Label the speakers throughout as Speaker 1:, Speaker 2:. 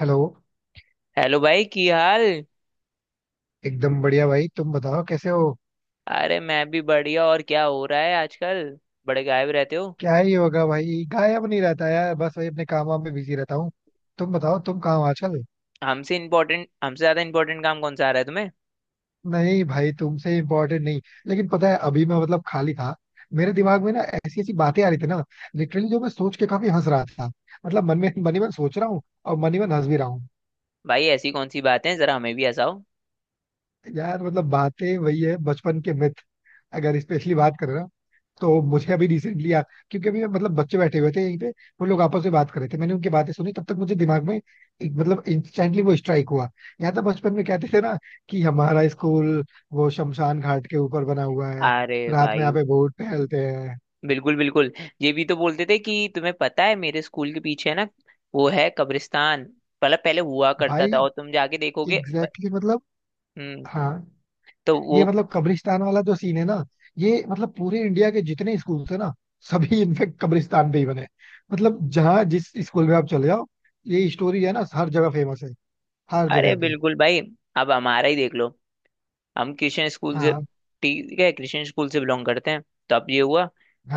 Speaker 1: Hello.
Speaker 2: Hello भाई की हाल?
Speaker 1: एकदम बढ़िया भाई, तुम बताओ कैसे हो।
Speaker 2: अरे मैं भी बढ़िया। और क्या हो रहा है आजकल? बड़े गायब रहते हो।
Speaker 1: क्या ही होगा भाई, गायब नहीं रहता यार, बस वही अपने काम वाम में बिजी रहता हूँ। तुम बताओ तुम कहाँ हो आजकल।
Speaker 2: हमसे ज्यादा इम्पोर्टेंट काम कौन सा आ रहा है तुम्हें?
Speaker 1: नहीं भाई तुमसे इम्पोर्टेंट नहीं। लेकिन पता है अभी मैं मतलब खाली था। मेरे दिमाग में ना ऐसी ऐसी बातें आ रही थी ना। लिटरली जो मैं सोच के काफी हंस रहा था। मतलब मन में मन ही मन सोच रहा हूँ और मन ही मन हंस भी रहा हूँ।
Speaker 2: भाई ऐसी कौन सी बातें हैं, जरा हमें भी हंसाओ।
Speaker 1: यार मतलब बातें वही है बचपन के मिथ। अगर स्पेशली बात करें ना तो मुझे अभी रिसेंटली याद। क्योंकि अभी मतलब बच्चे बैठे हुए थे यहीं पे। वो लोग आपस में बात कर रहे थे, मैंने उनकी बातें सुनी, तब तक मुझे दिमाग में एक, मतलब इंस्टेंटली वो स्ट्राइक हुआ। याद था बचपन में कहते थे ना कि हमारा स्कूल वो शमशान घाट के ऊपर बना हुआ है।
Speaker 2: अरे
Speaker 1: रात में
Speaker 2: भाई,
Speaker 1: यहाँ पे भूत टहलते हैं।
Speaker 2: बिल्कुल बिल्कुल। ये भी तो बोलते थे कि तुम्हें पता है मेरे स्कूल के पीछे है ना, वो है कब्रिस्तान। मतलब पहले हुआ करता
Speaker 1: भाई
Speaker 2: था और तुम जाके देखोगे
Speaker 1: एग्जैक्टली मतलब।
Speaker 2: हम्म।
Speaker 1: हाँ।
Speaker 2: तो वो,
Speaker 1: ये मतलब कब्रिस्तान वाला जो सीन है ना, ये मतलब पूरे इंडिया के जितने स्कूल थे ना सभी इनफेक्ट कब्रिस्तान पे ही बने हैं। मतलब जहाँ जिस स्कूल में आप चले जाओ, ये स्टोरी है ना हर जगह फेमस है, हर
Speaker 2: अरे
Speaker 1: जगह पे।
Speaker 2: बिल्कुल भाई। अब हमारा ही देख लो। हम क्रिश्चियन स्कूल से,
Speaker 1: हाँ
Speaker 2: ठीक है, क्रिश्चियन स्कूल से बिलोंग करते हैं। तो अब ये हुआ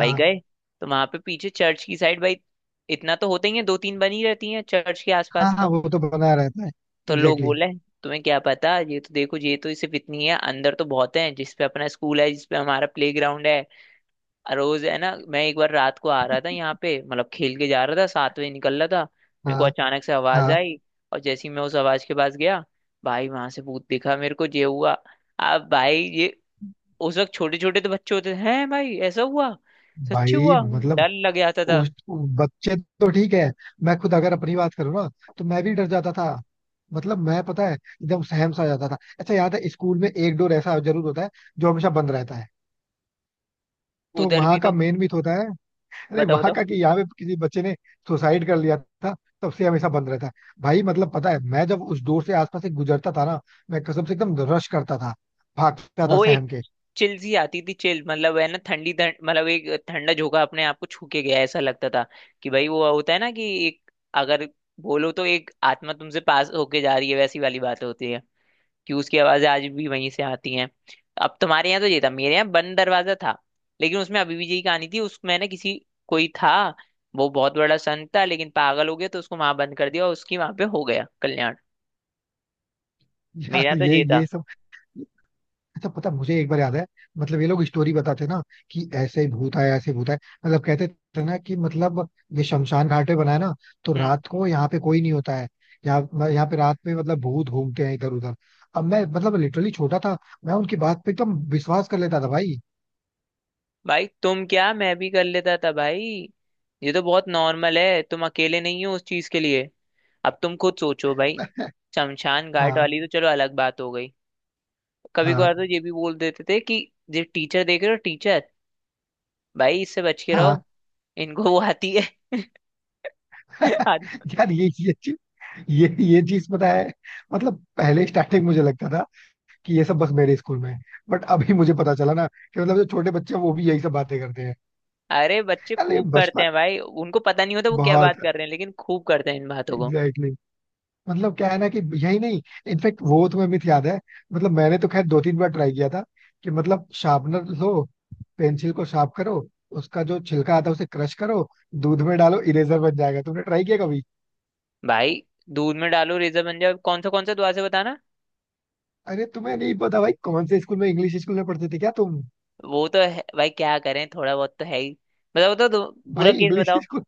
Speaker 2: भाई, गए। तो वहां पे पीछे चर्च की साइड भाई, इतना तो होते ही है, दो तीन बनी रहती हैं चर्च के
Speaker 1: हाँ
Speaker 2: आसपास
Speaker 1: हाँ,
Speaker 2: तो।
Speaker 1: वो तो बना रहता है।
Speaker 2: तो लोग
Speaker 1: एग्जैक्टली
Speaker 2: बोले तुम्हें क्या पता, ये तो देखो, ये तो सिर्फ इतनी है, अंदर तो बहुत है, जिसपे अपना स्कूल है, जिसपे हमारा प्ले ग्राउंड है। रोज है ना, मैं एक बार रात को आ रहा था यहाँ पे, मतलब खेल के जा रहा था, 7 बजे निकल रहा था। मेरे को
Speaker 1: हाँ।
Speaker 2: अचानक से आवाज
Speaker 1: हाँ।
Speaker 2: आई और जैसे ही मैं उस आवाज के पास गया, भाई वहां से भूत दिखा मेरे को, ये हुआ। अब भाई ये उस वक्त छोटे छोटे तो बच्चे होते थे, हैं भाई ऐसा हुआ। सच्ची
Speaker 1: भाई
Speaker 2: हुआ।
Speaker 1: मतलब
Speaker 2: डर लग जाता था।
Speaker 1: उस बच्चे तो ठीक है, मैं खुद अगर अपनी बात करूँ ना तो मैं भी डर जाता था। मतलब मैं पता है एकदम सहम सा जाता था। अच्छा याद है स्कूल में एक डोर ऐसा जरूर होता है जो हमेशा बंद रहता है। तो
Speaker 2: उधर भी
Speaker 1: वहां का
Speaker 2: तो,
Speaker 1: मेन मिथ होता है, अरे
Speaker 2: बताओ
Speaker 1: वहां
Speaker 2: बताओ।
Speaker 1: का कि यहाँ पे किसी बच्चे ने सुसाइड कर लिया था, तब से हमेशा बंद रहता है। भाई मतलब पता है मैं जब उस डोर से आसपास से गुजरता था ना, मैं कसम से एकदम रश करता था, भागता था
Speaker 2: वो एक
Speaker 1: सहम के।
Speaker 2: चिल सी आती थी, चिल मतलब है ना ठंडी ठंड, मतलब एक ठंडा झोंका अपने आप को छू के गया, ऐसा लगता था कि भाई वो होता है ना कि एक, अगर बोलो तो एक आत्मा तुमसे पास होके जा रही है, वैसी वाली बात होती है। कि उसकी आवाजें आज भी वहीं से आती हैं। अब तुम्हारे यहाँ तो ये था, मेरे यहाँ बंद दरवाजा था। लेकिन उसमें अभी भी यही कहानी थी, उसमें ना किसी, कोई था। वो बहुत बड़ा संत था लेकिन पागल हो गया तो उसको वहां बंद कर दिया और उसकी वहां पे हो गया कल्याण। मेरा
Speaker 1: यार
Speaker 2: तो ये था।
Speaker 1: ये सब। अच्छा पता, मुझे एक बार याद है। मतलब ये लोग स्टोरी बताते ना कि ऐसे ही भूत आया, ऐसे भूत आया। मतलब कहते थे ना कि मतलब ये शमशान घाट पे बनाया ना, तो
Speaker 2: हम्म।
Speaker 1: रात को यहाँ पे कोई नहीं होता है, यहाँ यहाँ पे रात में मतलब भूत घूमते हैं इधर उधर। अब मैं मतलब लिटरली छोटा था, मैं उनकी बात पे एकदम विश्वास कर लेता था भाई।
Speaker 2: भाई तुम क्या, मैं भी कर लेता था भाई। ये तो बहुत नॉर्मल है, तुम अकेले नहीं हो उस चीज के लिए। अब तुम खुद सोचो भाई, शमशान घाट
Speaker 1: हाँ।
Speaker 2: वाली तो चलो अलग बात हो गई, कभी
Speaker 1: हाँ।
Speaker 2: कभार तो ये भी बोल देते थे कि जो टीचर देख रहे हो टीचर, भाई इससे बच के रहो,
Speaker 1: हाँ।
Speaker 2: इनको वो आती है। आद-
Speaker 1: यार ये चीज, ये चीज पता है, मतलब पहले स्टार्टिंग मुझे लगता था कि ये सब बस मेरे स्कूल में है। बट अभी मुझे पता चला ना कि मतलब जो छोटे बच्चे हैं वो भी यही सब बातें करते हैं।
Speaker 2: अरे बच्चे
Speaker 1: अरे
Speaker 2: खूब करते
Speaker 1: बचपन
Speaker 2: हैं भाई, उनको पता नहीं होता वो क्या
Speaker 1: बहुत
Speaker 2: बात कर रहे हैं लेकिन खूब करते हैं इन बातों को।
Speaker 1: एग्जैक्टली मतलब क्या है ना कि यही नहीं, इनफेक्ट वो तुम्हें मिथ याद है। मतलब मैंने तो खैर दो तीन बार ट्राई किया था कि मतलब शार्पनर लो, पेंसिल को शार्प करो, उसका जो छिलका आता है उसे क्रश करो, दूध में डालो, इरेजर बन जाएगा। तुमने ट्राई किया कभी?
Speaker 2: भाई दूध में डालो रेजर बन जाओ, कौन सा दुआ से बताना।
Speaker 1: अरे तुम्हें नहीं पता भाई? कौन से स्कूल में, इंग्लिश स्कूल में पढ़ते थे क्या तुम?
Speaker 2: वो तो है भाई, क्या करें, थोड़ा बहुत तो है ही। बताओ तो पूरा
Speaker 1: भाई
Speaker 2: केस
Speaker 1: इंग्लिश
Speaker 2: बताओ।
Speaker 1: स्कूल,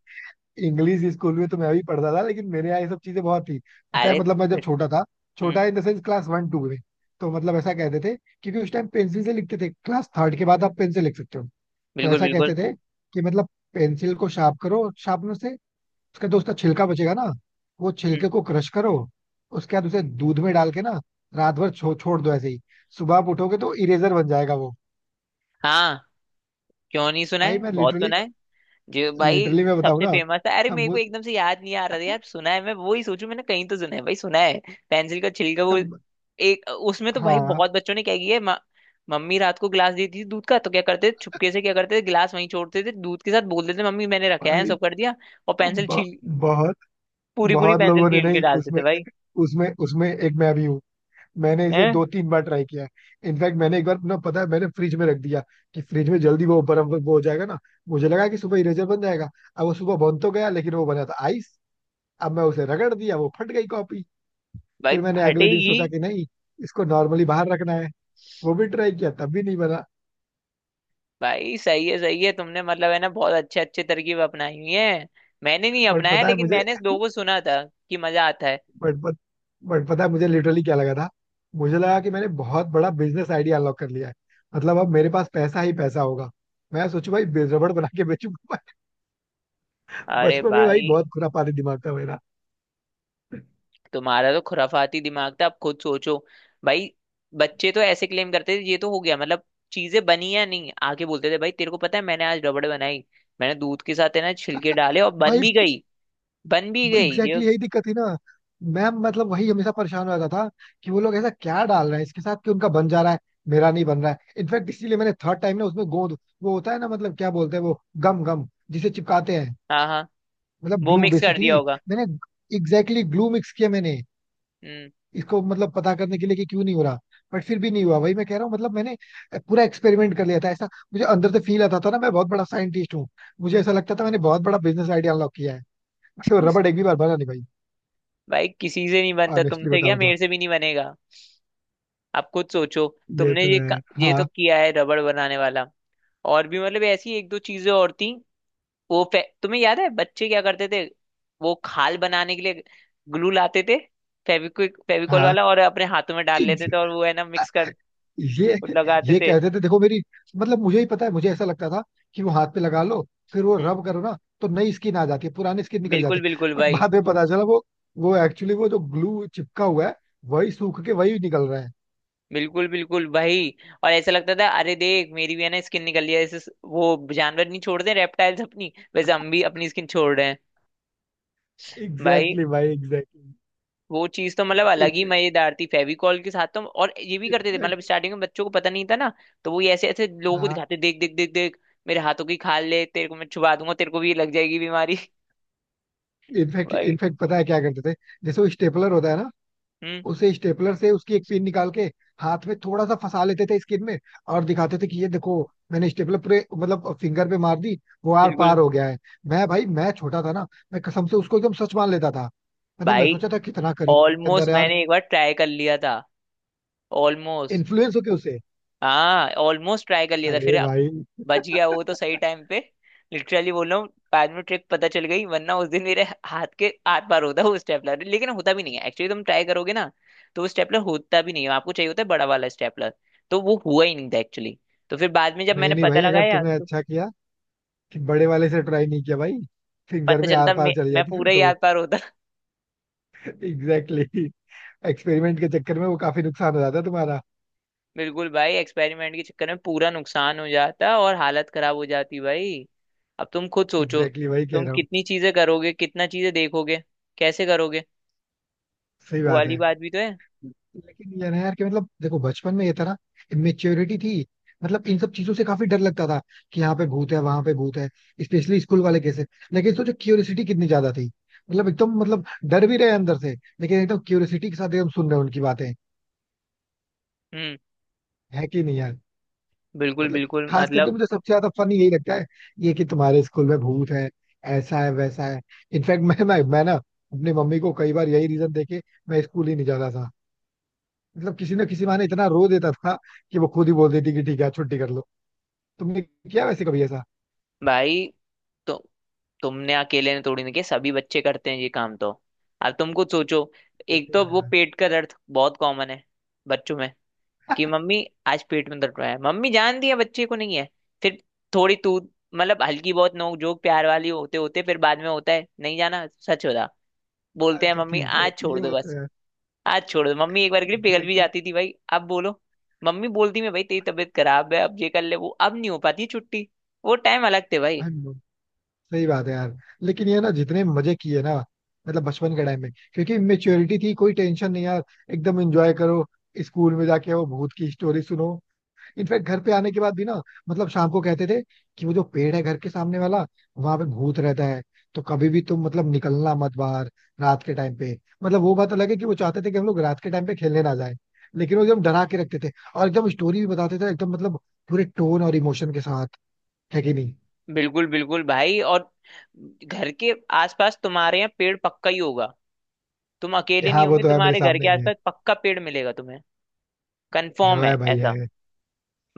Speaker 1: इंग्लिश स्कूल में तो मैं भी पढ़ता था, लेकिन मेरे यहाँ ये सब चीजें बहुत थी। पता है
Speaker 2: अरे
Speaker 1: मतलब मैं जब
Speaker 2: फिर-
Speaker 1: छोटा था,
Speaker 2: हम्म।
Speaker 1: छोटा in the sense class one two में। तो मतलब ऐसा कहते थे क्योंकि उस टाइम पेंसिल से लिखते थे, क्लास थर्ड के बाद आप पेन से लिख सकते हो। तो
Speaker 2: बिल्कुल
Speaker 1: ऐसा कहते
Speaker 2: बिल्कुल।
Speaker 1: थे कि मतलब पेंसिल को शार्प करो शार्पनर से, उसका जो उसका छिलका बचेगा ना, वो
Speaker 2: हम्म।
Speaker 1: छिलके को क्रश करो, उसके बाद उसे दूध में डाल के ना रात भर छोड़ दो ऐसे ही, सुबह आप उठोगे तो इरेजर बन जाएगा वो।
Speaker 2: हाँ। क्यों नहीं, सुना
Speaker 1: भाई
Speaker 2: है,
Speaker 1: मैं
Speaker 2: बहुत
Speaker 1: लिटरली,
Speaker 2: सुना है। जो भाई,
Speaker 1: लिटरली मैं बताऊं
Speaker 2: सबसे
Speaker 1: ना,
Speaker 2: फेमस है, अरे मेरे को
Speaker 1: हम-
Speaker 2: एकदम से याद नहीं आ रहा था यार, सुना है, मैं वो ही सोचू मैंने कहीं तो सुना है भाई, सुना है। पेंसिल का छिलका, वो
Speaker 1: हम-
Speaker 2: एक, उसमें तो भाई
Speaker 1: हाँ
Speaker 2: बहुत बच्चों ने क्या किया है मम्मी रात को गिलास देती थी दूध का, तो क्या करते थे, छुपके से क्या करते थे, गिलास वहीं छोड़ते थे दूध के साथ, बोल देते मम्मी मैंने रखा है,
Speaker 1: भाई
Speaker 2: सब कर दिया। और पेंसिल
Speaker 1: ब-
Speaker 2: छील,
Speaker 1: बहुत,
Speaker 2: पूरी पूरी
Speaker 1: बहुत
Speaker 2: पेंसिल
Speaker 1: लोगों ने
Speaker 2: छील के
Speaker 1: नहीं
Speaker 2: डालते
Speaker 1: उसमें,
Speaker 2: थे भाई।
Speaker 1: उसमें एक मैं भी हूँ। मैंने इसे
Speaker 2: हैं?
Speaker 1: दो तीन बार ट्राई किया है। इनफैक्ट मैंने एक बार ना पता है मैंने फ्रिज में रख दिया, कि फ्रिज में जल्दी वो बर्फ वो हो जाएगा ना, मुझे लगा कि सुबह इरेजर बन जाएगा। अब वो सुबह बन तो गया लेकिन वो बना था आइस। अब मैं उसे रगड़ दिया, वो फट गई कॉपी।
Speaker 2: भाई
Speaker 1: फिर मैंने अगले दिन
Speaker 2: फटेगी।
Speaker 1: सोचा कि नहीं, इसको नॉर्मली बाहर रखना है। वो भी ट्राई किया, तब भी नहीं बना।
Speaker 2: भाई सही है, सही है, तुमने मतलब है ना बहुत अच्छे अच्छे तरकीब अपनाई हुई है। मैंने नहीं
Speaker 1: बट
Speaker 2: अपनाया
Speaker 1: पता है
Speaker 2: लेकिन
Speaker 1: मुझे,
Speaker 2: मैंने लोगों को सुना था कि मजा आता है।
Speaker 1: बट बट पता है मुझे लिटरली क्या लगा था? मुझे लगा कि मैंने बहुत बड़ा बिजनेस आइडिया अनलॉक कर लिया है। मतलब अब मेरे पास पैसा ही पैसा होगा। मैं सोचू भाई रबड़ बना के बेचूंगा।
Speaker 2: अरे
Speaker 1: बचपन में भाई
Speaker 2: भाई,
Speaker 1: बहुत खुरापाती दिमाग था मेरा।
Speaker 2: तुम्हारा तो खुराफाती दिमाग था, अब खुद सोचो भाई, बच्चे तो ऐसे क्लेम करते थे, ये तो हो गया मतलब, चीजें बनी या नहीं आके बोलते थे भाई तेरे को पता है मैंने आज रबड़ बनाई। मैंने दूध के साथ है ना छिलके डाले और बन
Speaker 1: भाई
Speaker 2: भी गई, बन भी गई ये।
Speaker 1: एग्जैक्टली, यही दिक्कत थी ना। मैं मतलब वही हमेशा परेशान हो जाता था कि वो लोग ऐसा क्या डाल रहे हैं इसके साथ कि उनका बन जा रहा है, मेरा नहीं बन रहा है। इनफैक्ट इसीलिए मैंने थर्ड टाइम ना उसमें गोंद, वो होता है ना मतलब क्या बोलते हैं वो, गम गम जिसे चिपकाते हैं,
Speaker 2: हाँ हाँ,
Speaker 1: मतलब
Speaker 2: वो
Speaker 1: ग्लू
Speaker 2: मिक्स कर दिया
Speaker 1: बेसिकली।
Speaker 2: होगा।
Speaker 1: मैंने एग्जैक्टली ग्लू मिक्स किया मैंने,
Speaker 2: हम्म।
Speaker 1: इसको मतलब पता करने के लिए कि क्यों नहीं हो रहा। बट फिर भी नहीं हुआ, वही मैं कह रहा हूँ। मतलब मैंने पूरा एक्सपेरिमेंट कर लिया था। ऐसा मुझे अंदर से फील आता था ना, मैं बहुत बड़ा साइंटिस्ट हूँ। मुझे ऐसा लगता था मैंने बहुत बड़ा बिजनेस आइडिया अनलॉक किया है, बट तो रबड़ एक भी बार बना नहीं भाई।
Speaker 2: भाई किसी से नहीं बनता,
Speaker 1: ऑनेस्टली
Speaker 2: तुमसे क्या,
Speaker 1: बताऊँ तो
Speaker 2: मेरे से भी नहीं बनेगा। आप खुद सोचो,
Speaker 1: ये
Speaker 2: तुमने
Speaker 1: तो
Speaker 2: ये
Speaker 1: है,
Speaker 2: ये तो
Speaker 1: हाँ।
Speaker 2: किया है रबड़ बनाने वाला, और भी मतलब ऐसी एक दो चीजें और थी। वो तुम्हें याद है बच्चे क्या करते थे, वो खाल बनाने के लिए ग्लू लाते थे, फेविक्विक फेविकॉल
Speaker 1: हाँ।
Speaker 2: वाला, और अपने हाथों में डाल लेते थे और वो है ना मिक्स कर,
Speaker 1: ये
Speaker 2: वो लगाते
Speaker 1: ये
Speaker 2: थे।
Speaker 1: कहते थे देखो मेरी, मतलब मुझे ही पता है। मुझे ऐसा लगता था कि वो हाथ पे लगा लो, फिर वो
Speaker 2: हम्म,
Speaker 1: रब करो ना तो नई स्किन आ जाती है, पुराने स्किन निकल
Speaker 2: बिल्कुल
Speaker 1: जाते हैं।
Speaker 2: बिल्कुल
Speaker 1: बट
Speaker 2: भाई।
Speaker 1: बाद में पता चला वो एक्चुअली वो जो ग्लू चिपका हुआ है वही सूख के वही निकल रहा है।
Speaker 2: बिल्कुल बिल्कुल भाई, और ऐसा लगता था अरे देख मेरी भी है ना स्किन निकल रही है, ऐसे वो जानवर नहीं छोड़ते रेप्टाइल्स अपनी, वैसे हम भी अपनी स्किन छोड़ रहे हैं। भाई
Speaker 1: एग्जैक्टली भाई एग्जैक्टली।
Speaker 2: वो चीज तो मतलब अलग ही मजेदार थी फेविकॉल के साथ तो, और ये भी करते थे मतलब
Speaker 1: इनफैक्ट।
Speaker 2: स्टार्टिंग में बच्चों को पता नहीं था ना, तो वो ये ऐसे ऐसे लोगों को
Speaker 1: हाँ।
Speaker 2: दिखाते देख देख देख देख, मेरे हाथों की खाल ले, तेरे को मैं छुपा दूंगा, तेरे को भी लग जाएगी बीमारी।
Speaker 1: इनफैक्ट
Speaker 2: भाई।
Speaker 1: इनफैक्ट पता है क्या करते थे? जैसे वो स्टेपलर होता है ना,
Speaker 2: हम्म,
Speaker 1: उसे स्टेपलर से उसकी एक पिन निकाल के हाथ में थोड़ा सा फंसा लेते थे स्किन में, और दिखाते थे कि ये देखो, मैंने स्टेपलर पूरे मतलब फिंगर पे मार दी, वो आर
Speaker 2: बिल्कुल
Speaker 1: पार हो गया है। मैं भाई, मैं छोटा था ना, मैं कसम से उसको एकदम सच मान लेता था। मैंने मैं
Speaker 2: भाई।
Speaker 1: सोचा था कितना करे जो उसके अंदर
Speaker 2: ऑलमोस्ट
Speaker 1: यार,
Speaker 2: मैंने एक बार ट्राई कर लिया था, ऑलमोस्ट।
Speaker 1: इन्फ्लुएंस हो के उसे।
Speaker 2: हाँ, ऑलमोस्ट ट्राई कर लिया था, फिर
Speaker 1: अरे भाई,
Speaker 2: बच गया वो तो सही टाइम पे। लिटरली बोल रहा हूँ, बाद में ट्रिक पता चल गई, वरना उस दिन मेरे हाथ के आर पार होता वो स्टेपलर, लेकिन होता भी नहीं है एक्चुअली, तुम ट्राई करोगे ना तो वो स्टेपलर होता भी नहीं है, आपको चाहिए होता है बड़ा वाला स्टेपलर। तो वो हुआ ही नहीं था एक्चुअली। तो फिर बाद में जब
Speaker 1: नहीं
Speaker 2: मैंने
Speaker 1: नहीं
Speaker 2: पता
Speaker 1: भाई अगर
Speaker 2: लगाया
Speaker 1: तुमने
Speaker 2: तो
Speaker 1: अच्छा किया कि बड़े वाले से ट्राई नहीं किया भाई, फिंगर
Speaker 2: पता
Speaker 1: में आर
Speaker 2: चलता
Speaker 1: पार चली
Speaker 2: मैं
Speaker 1: जाती फिर
Speaker 2: पूरा ही
Speaker 1: तो।
Speaker 2: आर पार होता।
Speaker 1: एग्जैक्टली एक्सपेरिमेंट के चक्कर में वो काफी नुकसान हो जाता है तुम्हारा।
Speaker 2: बिल्कुल भाई, एक्सपेरिमेंट के चक्कर में पूरा नुकसान हो जाता और हालत खराब हो जाती भाई। अब तुम खुद
Speaker 1: एग्जैक्टली
Speaker 2: सोचो,
Speaker 1: वही कह
Speaker 2: तुम
Speaker 1: रहा हूँ।
Speaker 2: कितनी चीजें करोगे, कितना चीजें देखोगे, कैसे करोगे,
Speaker 1: सही
Speaker 2: वो
Speaker 1: बात
Speaker 2: वाली
Speaker 1: है।
Speaker 2: बात भी तो है।
Speaker 1: लेकिन यार, यार कि मतलब देखो बचपन में ये था ना, इमेच्योरिटी थी। मतलब इन सब चीजों से काफी डर लगता था कि यहाँ पे भूत है, वहां पे भूत है, स्पेशली स्कूल वाले केस है। लेकिन सोचो क्यूरियोसिटी कितनी ज्यादा थी। मतलब एकदम मतलब डर भी रहे अंदर से, लेकिन एकदम क्यूरियोसिटी के साथ एकदम सुन रहे हैं उनकी बातें।
Speaker 2: हम्म,
Speaker 1: है कि नहीं यार?
Speaker 2: बिल्कुल
Speaker 1: मतलब
Speaker 2: बिल्कुल
Speaker 1: खास करके
Speaker 2: मतलब।
Speaker 1: मुझे सबसे ज्यादा फनी यही लगता है ये कि तुम्हारे स्कूल में भूत है, ऐसा है वैसा है। इनफैक्ट मैं ना अपनी मम्मी को कई बार यही रीजन देके मैं स्कूल ही नहीं जाता था। मतलब किसी ना किसी बहाने इतना रो देता था कि वो खुद ही बोल देती कि ठीक है छुट्टी कर लो। तुमने किया वैसे कभी ऐसा?
Speaker 2: भाई तो, तुमने अकेले ने थोड़ी ना किया, सभी बच्चे करते हैं ये काम तो। अब तुम खुद सोचो,
Speaker 1: ये
Speaker 2: एक
Speaker 1: तो
Speaker 2: तो
Speaker 1: है
Speaker 2: वो
Speaker 1: यार।
Speaker 2: पेट का दर्द बहुत कॉमन है बच्चों में, कि मम्मी आज पेट में दर्द हो रहा है, मम्मी जानती है बच्चे को नहीं है, फिर थोड़ी तू मतलब हल्की बहुत नोक जोक प्यार वाली होते होते फिर बाद में होता है नहीं जाना सच होता, बोलते हैं
Speaker 1: अच्छा
Speaker 2: मम्मी
Speaker 1: ठीक है,
Speaker 2: आज छोड़
Speaker 1: ये
Speaker 2: दो
Speaker 1: बात तो
Speaker 2: बस।
Speaker 1: है।
Speaker 2: आज छोड़ दो मम्मी, एक बार के लिए पिघल भी
Speaker 1: एग्जैक्टली।
Speaker 2: जाती थी भाई, अब बोलो, मम्मी बोलती, मैं भाई तेरी तबीयत खराब है, अब ये कर ले वो, अब नहीं हो पाती छुट्टी, वो टाइम अलग थे भाई।
Speaker 1: सही बात है यार। लेकिन ये ना जितने मजे किए ना, मतलब बचपन के टाइम में क्योंकि मेच्योरिटी थी कोई टेंशन नहीं यार। एकदम एंजॉय करो, स्कूल में जाके वो भूत की स्टोरी सुनो। इनफैक्ट घर पे आने के बाद भी ना मतलब शाम को कहते थे कि वो जो पेड़ है घर के सामने वाला, वहां पे भूत रहता है, तो कभी भी तुम मतलब निकलना मत बाहर रात के टाइम पे। मतलब वो बात अलग है कि वो चाहते थे कि हम लोग रात के टाइम पे खेलने ना जाए, लेकिन वो एकदम डरा के रखते थे और एकदम स्टोरी भी बताते थे, एकदम मतलब पूरे टोन और इमोशन के साथ। है कि नहीं?
Speaker 2: बिल्कुल बिल्कुल भाई, और घर के आसपास तुम्हारे यहाँ पेड़ पक्का ही होगा, तुम
Speaker 1: ये
Speaker 2: अकेले
Speaker 1: हाँ,
Speaker 2: नहीं
Speaker 1: वो
Speaker 2: होंगे,
Speaker 1: तो है, मेरे
Speaker 2: तुम्हारे घर
Speaker 1: सामने
Speaker 2: के
Speaker 1: ही है।
Speaker 2: आसपास पक्का पेड़ मिलेगा तुम्हें।
Speaker 1: ये वो
Speaker 2: कंफर्म है
Speaker 1: है भाई, है।
Speaker 2: ऐसा?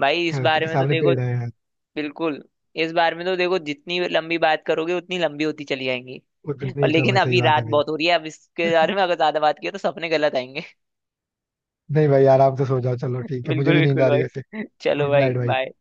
Speaker 2: भाई इस
Speaker 1: घर
Speaker 2: बारे
Speaker 1: के
Speaker 2: में तो
Speaker 1: सामने
Speaker 2: देखो,
Speaker 1: पेड़ है यार।
Speaker 2: बिल्कुल, इस बारे में तो देखो जितनी लंबी बात करोगे उतनी लंबी होती चली जाएंगी।
Speaker 1: उतनी
Speaker 2: और
Speaker 1: ही कम
Speaker 2: लेकिन
Speaker 1: है, सही
Speaker 2: अभी
Speaker 1: बात
Speaker 2: रात
Speaker 1: है भाई।
Speaker 2: बहुत हो रही है, अब इसके बारे में अगर ज्यादा बात किया तो सपने गलत आएंगे।
Speaker 1: नहीं भाई आराम से सो जाओ, चलो ठीक है, मुझे
Speaker 2: बिल्कुल
Speaker 1: भी नींद
Speaker 2: बिल्कुल
Speaker 1: आ रही है वैसे।
Speaker 2: भाई, चलो
Speaker 1: गुड
Speaker 2: भाई
Speaker 1: नाइट भाई।
Speaker 2: बाय।